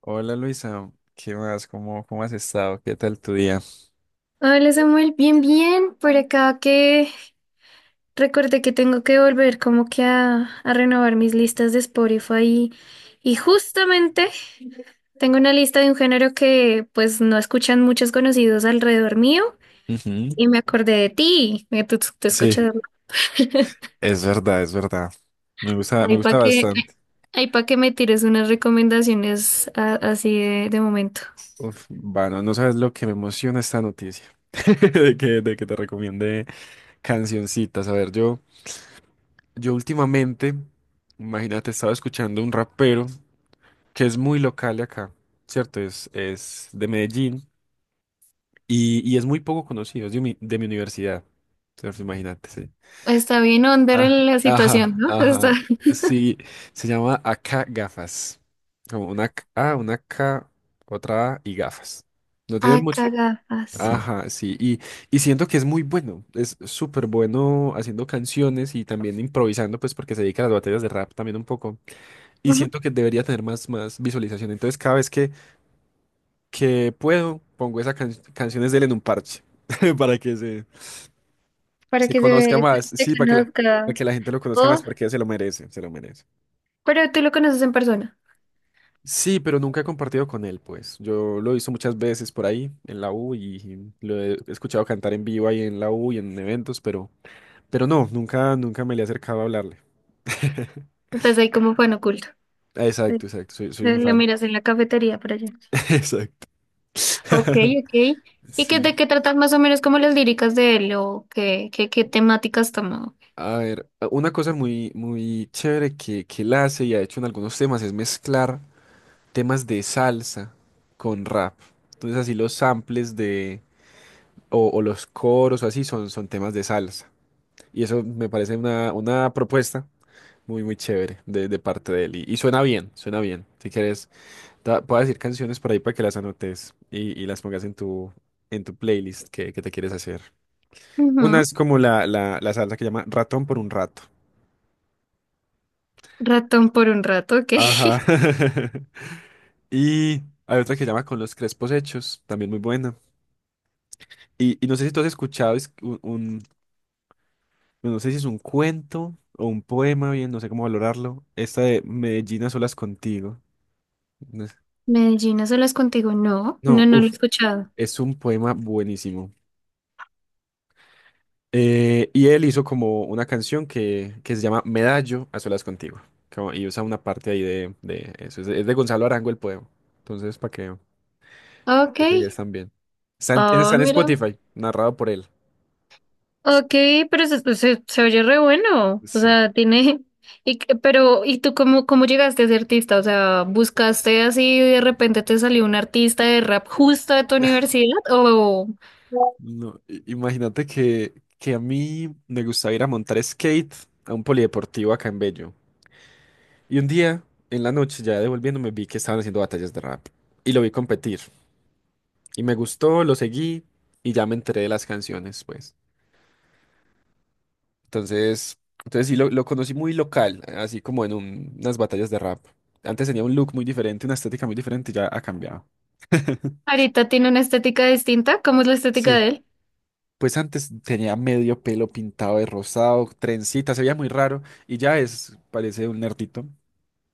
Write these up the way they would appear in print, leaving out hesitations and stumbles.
Hola Luisa, ¿qué más? ¿Cómo has estado? ¿Qué tal tu día? Hola Samuel, bien, bien. Por acá que recordé que tengo que volver como que a renovar mis listas de Spotify y justamente tengo una lista de un género que pues no escuchan muchos conocidos alrededor mío Ujú. y me acordé de ti, que tú Sí, escuchas. es verdad. Me gusta, me Ahí gusta para que, bastante. ahí pa' que me tires unas recomendaciones así de momento. Uf, bueno, no sabes lo que me emociona esta noticia. De que te recomiende cancioncitas. A ver, yo últimamente, imagínate, estaba escuchando un rapero que es muy local de acá, ¿cierto? Es de Medellín y es muy poco conocido, es de mi universidad, ¿cierto? Imagínate, sí. Está bien under Ah, la situación, ajá, ¿no? Está ajá. Sí, se llama acá gafas. Como una K- A, una K, otra A y gafas. No tienen mucho. acá Ok. gafas. Ajá, sí. Y siento que es muy bueno. Es súper bueno haciendo canciones y también improvisando, pues porque se dedica a las batallas de rap también un poco. Y siento que debería tener más visualización. Entonces, cada vez que puedo, pongo esas canciones de él en un parche para que se, Para se que conozca se, más. se Sí, para conozca. que la gente lo conozca O más, porque se lo merece, se lo merece. pero tú lo conoces en persona. Sí, pero nunca he compartido con él, pues. Yo lo he visto muchas veces por ahí en la U y lo he escuchado cantar en vivo ahí en la U y en eventos, pero no, nunca me le he acercado a hablarle. Estás ahí como fan oculto. Eh, Exacto, exacto, soy un Lo fan. miras en la cafetería por allá. Ok, Exacto. ok. ¿Y qué, de Sí. qué tratas más o menos como las líricas de él o qué temáticas toma? A ver, una cosa muy chévere que él hace y ha hecho en algunos temas es mezclar temas de salsa con rap. Entonces así los samples o los coros o así son temas de salsa. Y eso me parece una propuesta muy chévere de parte de él. Y suena bien, suena bien. Si quieres, puedo decir canciones por ahí para que las anotes y las pongas en tu playlist que te quieres hacer. Una Ujú. es como la salsa que llama Ratón por un rato. Ratón por un rato, ok. Ajá. Y hay otra que se llama Con los Crespos Hechos, también muy buena. Y no sé si tú has escuchado es no sé si es un cuento o un poema, bien, no sé cómo valorarlo. Esta de Medellín a solas contigo. Medellín, ¿no las contigo? No, no, No, no lo he uff, escuchado. es un poema buenísimo. Y él hizo como una canción que se llama Medallo a solas contigo. Y usa una parte ahí de eso. Es de Gonzalo Arango el poema. Entonces, para que lo Ok. pegues también. Oh, Está en mira. Spotify, narrado por él. Ok, pero se oye re bueno, o Sí. sea, tiene, pero, ¿y tú cómo llegaste a ser artista? O sea, ¿buscaste así y de repente te salió un artista de rap justo de tu universidad o No, imagínate que a mí me gustaba ir a montar skate a un polideportivo acá en Bello. Y un día, en la noche, ya devolviéndome, vi que estaban haciendo batallas de rap. Y lo vi competir. Y me gustó, lo seguí y ya me enteré de las canciones, pues. Entonces, entonces sí, lo conocí muy local, así como en unas batallas de rap. Antes tenía un look muy diferente, una estética muy diferente, y ya ha cambiado. ahorita tiene una estética distinta? ¿Cómo es la estética Sí. de él? Pues antes tenía medio pelo pintado de rosado, trencita, se veía muy raro y ya es, parece un nerdito.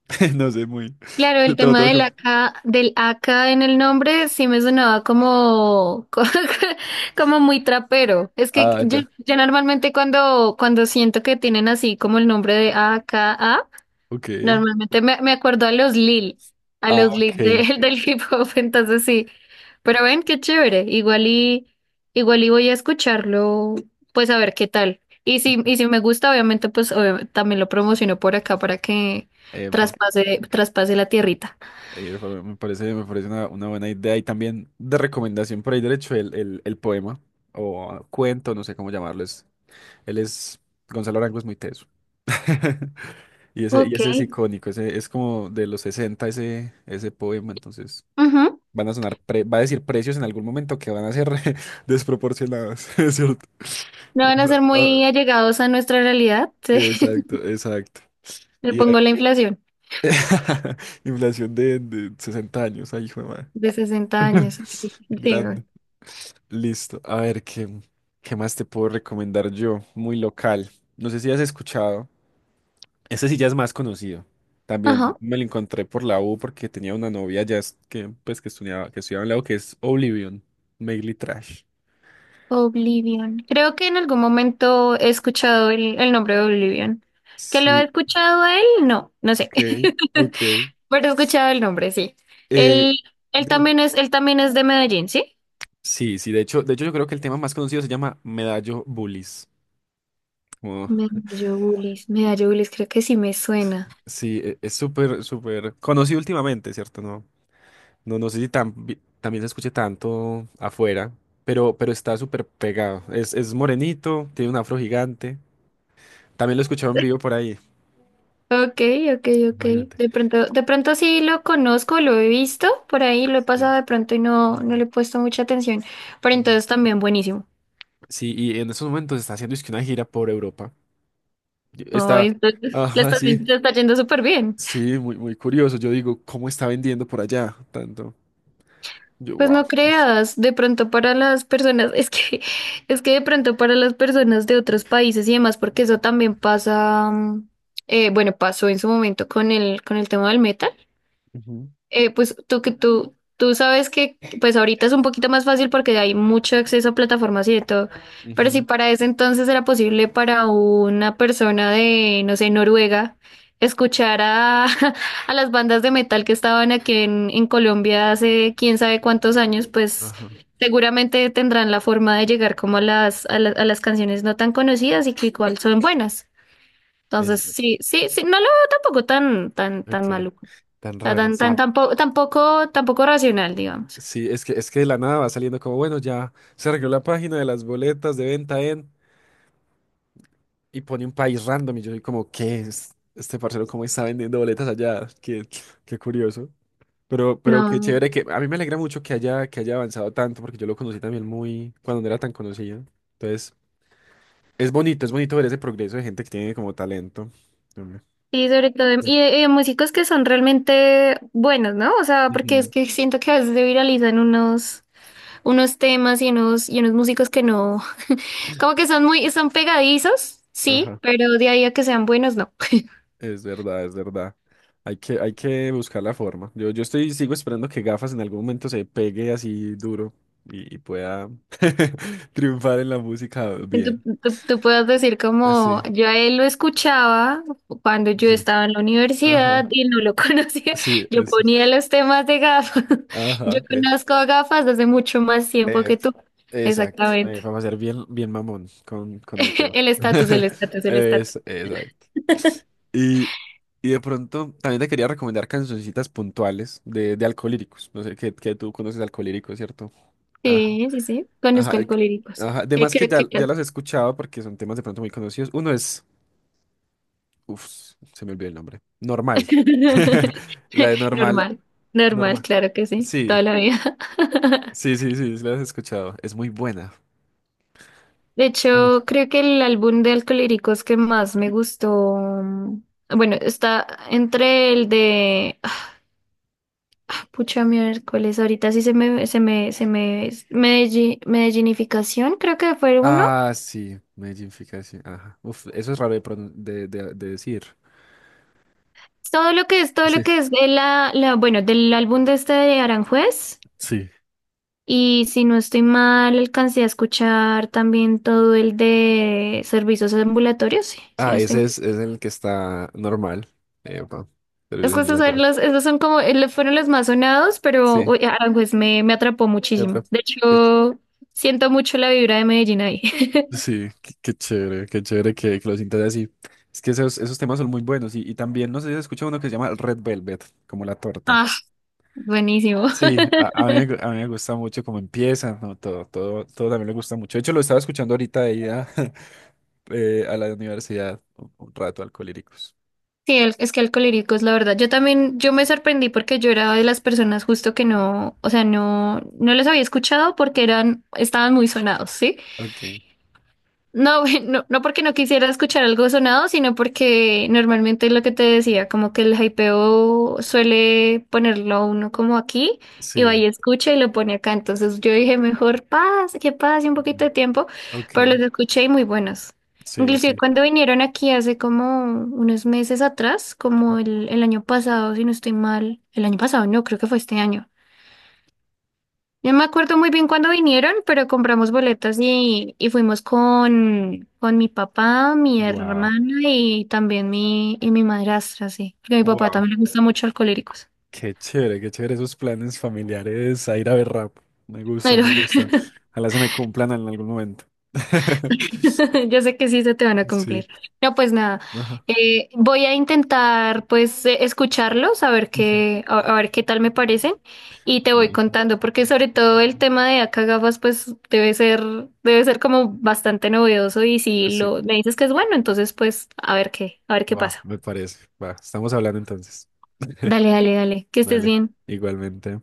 No sé, muy. Claro, el Te lo tema tengo del que. AK, del AK en el nombre sí me sonaba como, como muy trapero. Es que Ah, yo, ya. yo normalmente cuando siento que tienen así como el nombre de AKA, Ok. normalmente me acuerdo a los Lil, a los Ah, ok. Lil de- del hip hop, entonces sí. Pero ven, qué chévere. Igual y voy a escucharlo, pues a ver qué tal. Y si me gusta, obviamente, pues también lo promociono por acá para que Epa. traspase la tierrita. Me parece una buena idea y también de recomendación por ahí derecho el poema o cuento, no sé cómo llamarlo. Es, él es, Gonzalo Arango es muy teso. Y ese, y Ok. ese es icónico, ese es como de los 60 ese, ese poema, entonces Ujú. van a sonar, va a decir precios en algún momento que van a ser desproporcionados, ¿es cierto? No van a ser Ah, muy allegados a nuestra realidad. Sí. exacto, exacto. Le Y a- pongo la inflación inflación de 60 años, ahí hijo de madre. de 60 años. Ok. Sí. Grande. Listo. A ver, ¿qué, qué más te puedo recomendar yo? Muy local. No sé si has escuchado. Ese sí ya es más conocido. También Ajá. me lo encontré por la U porque tenía una novia ya que estudiaba en la U, que es Oblivion, Mainly Trash. Oblivion. Creo que en algún momento he escuchado el nombre de Oblivion. ¿Que lo he Sí, escuchado a él? No, no sé. ok, ok. Pero he escuchado el nombre, sí. Eh, Él, él dime. también es, él también es de Medellín, ¿sí? Sí, sí, de hecho yo creo que el tema más conocido se llama Medallo Bullies. Como- Medallobulis, Medallobulis, creo que sí me suena. sí, es súper, súper conocido últimamente, ¿cierto? No, no, no sé si tan, también se escuche tanto afuera, pero está súper pegado. Es morenito, tiene un afro gigante. También lo escuchaba en vivo por ahí, Ok, ok, ok. imagínate. De pronto sí lo conozco, lo he visto por ahí, lo he Sí. pasado de pronto y no, no Ujú, le he puesto mucha atención. Pero ujú. entonces también buenísimo. Sí, y en esos momentos está haciendo es que una gira por Europa. Yo- No, Está, le ajá, está, sí, le está yendo súper bien. sí, muy, muy curioso. Yo digo, ¿cómo está vendiendo por allá tanto? Yo, Pues wow. no creas, de pronto para las personas, es que de pronto para las personas de otros países y demás, porque eso también pasa, bueno, pasó en su momento con el tema del metal. Ujú, Pues tú sabes que pues ahorita es un poquito más fácil porque hay mucho acceso a plataformas y de todo, pero si ujú, para ese entonces era posible para una persona de, no sé, Noruega, escuchar a las bandas de metal que estaban aquí en Colombia hace quién sabe cuántos años, pues ajá. seguramente tendrán la forma de llegar como a las canciones no tan conocidas y que igual son buenas. Es, Entonces, sí, sí, sí, no lo veo tampoco tan, tan, tan ok, malo tan sea, raro, sí. tampoco, tampoco, tampoco racional, digamos. Sí, es que de la nada va saliendo como, bueno, ya se arregló la página de las boletas de venta en y pone un país random y yo soy como, ¿qué es este parcero? ¿Cómo está vendiendo boletas allá? Qué, qué curioso. Pero qué No. chévere que a mí me alegra mucho que haya avanzado tanto porque yo lo conocí también muy cuando no era tan conocido. Entonces, es bonito ver ese progreso de gente que tiene como talento. Hombre. Sí, sobre todo, y Yes. de, y de músicos que son realmente buenos, ¿no? O sea, porque es Ujú. que siento que a veces se viralizan unos temas y y unos músicos que no, como que son son pegadizos, sí, Ajá. pero de ahí a que sean buenos, no. Es verdad, es verdad. Hay que buscar la forma. Yo estoy, sigo esperando que gafas en algún momento se pegue así duro y pueda triunfar en la música Y Tú, bien. tú, tú puedes decir como Sí, yo a él lo escuchaba cuando yo sí. estaba en la universidad Ajá, y no lo conocía. sí, Yo eso. Es. ponía los temas de gafas. Yo Ajá, conozco a gafas desde mucho más tiempo eh, que tú. exacto. Exactamente. Vamos a ser bien, bien mamón con el tema. El estatus, el estatus, el Es, estatus. exacto. Y, y de pronto también te quería recomendar cancioncitas puntuales de alcoholíricos. No sé, que tú conoces Alcolíricos, ¿cierto? Sí, sí, sí. Ajá, Conozco Alcohólicos. ajá, ¿Qué, además que qué, ya, qué, ya qué? las he escuchado porque son temas de pronto muy conocidos. Uno es, uff, se me olvidó el nombre. Normal. La de normal, Normal, normal, normal. claro que sí. Sí, Toda la vida. sí, sí, sí, sí, las has escuchado. Es muy buena. De Ah, no. hecho, creo que el álbum de Alcohólicos que más me gustó, bueno, está entre el de, pucha miércoles, ahorita sí Medellinificación, creo que fue uno. Ah, sí, Medellín Fica, sí, ajá. Uf, eso es raro de, de decir. Todo lo Sí. que es bueno, del álbum de este de Aranjuez. Sí. Y si no estoy mal, alcancé a escuchar también todo el de servicios ambulatorios, sí, si Ah, no estoy ese mal. Es el que está normal. Epa, Es servicio que esos son ambulatorio. los, Fueron los más sonados, pero Sí. uy, Aranjuez me atrapó ¿Qué otra? muchísimo. De hecho, siento mucho la vibra de Medellín ahí. Sí, qué, qué chévere que lo sientas así. Es que esos, esos temas son muy buenos. Y también, no sé si has escuchado uno que se llama Red Velvet, como la torta. Ah, buenísimo. Sí, a mí, a mí me gusta mucho cómo empieza, ¿no? Todo, todo, todo también me gusta mucho. De hecho, lo estaba escuchando ahorita de ida a la universidad, un rato, Alcolíricos. Sí, es que Alcohólicos, la verdad. Yo me sorprendí porque yo era de las personas justo que no, o sea, no, no los había escuchado porque estaban muy sonados, ¿sí? Ok, No, güey, no, no porque no quisiera escuchar algo sonado, sino porque normalmente lo que te decía, como que el hypeo suele ponerlo a uno como aquí y va sí. y escucha y lo pone acá. Entonces yo dije, mejor pase, que pase un poquito Mm, de tiempo, ok, pero los escuché y muy buenos. sí, Inclusive sí. cuando vinieron aquí hace como unos meses atrás, como el año pasado, si no estoy mal, el año pasado no, creo que fue este año. Yo me acuerdo muy bien cuando vinieron, pero compramos boletas y fuimos con mi papá, mi hermana y también y mi madrastra, sí. Porque a mi papá Wow. también le gusta mucho Alcohólicos. Qué chévere esos planes familiares a ir a ver rap. Me Ay, gustan, no. me gustan. Ojalá se me cumplan en algún momento. Yo sé que sí se te van a Sí. cumplir. No, pues nada. Ajá. Voy a intentar pues escucharlos, a ver Ujú. qué, a ver qué tal me parecen y te voy Dale. contando, porque sobre todo el tema de acá gafas pues debe ser como bastante novedoso y si Sí. lo me dices que es bueno, entonces pues a ver qué Va, pasa. me parece. Va, estamos hablando entonces. Dale, dale, dale, que estés Dale, bien. igualmente.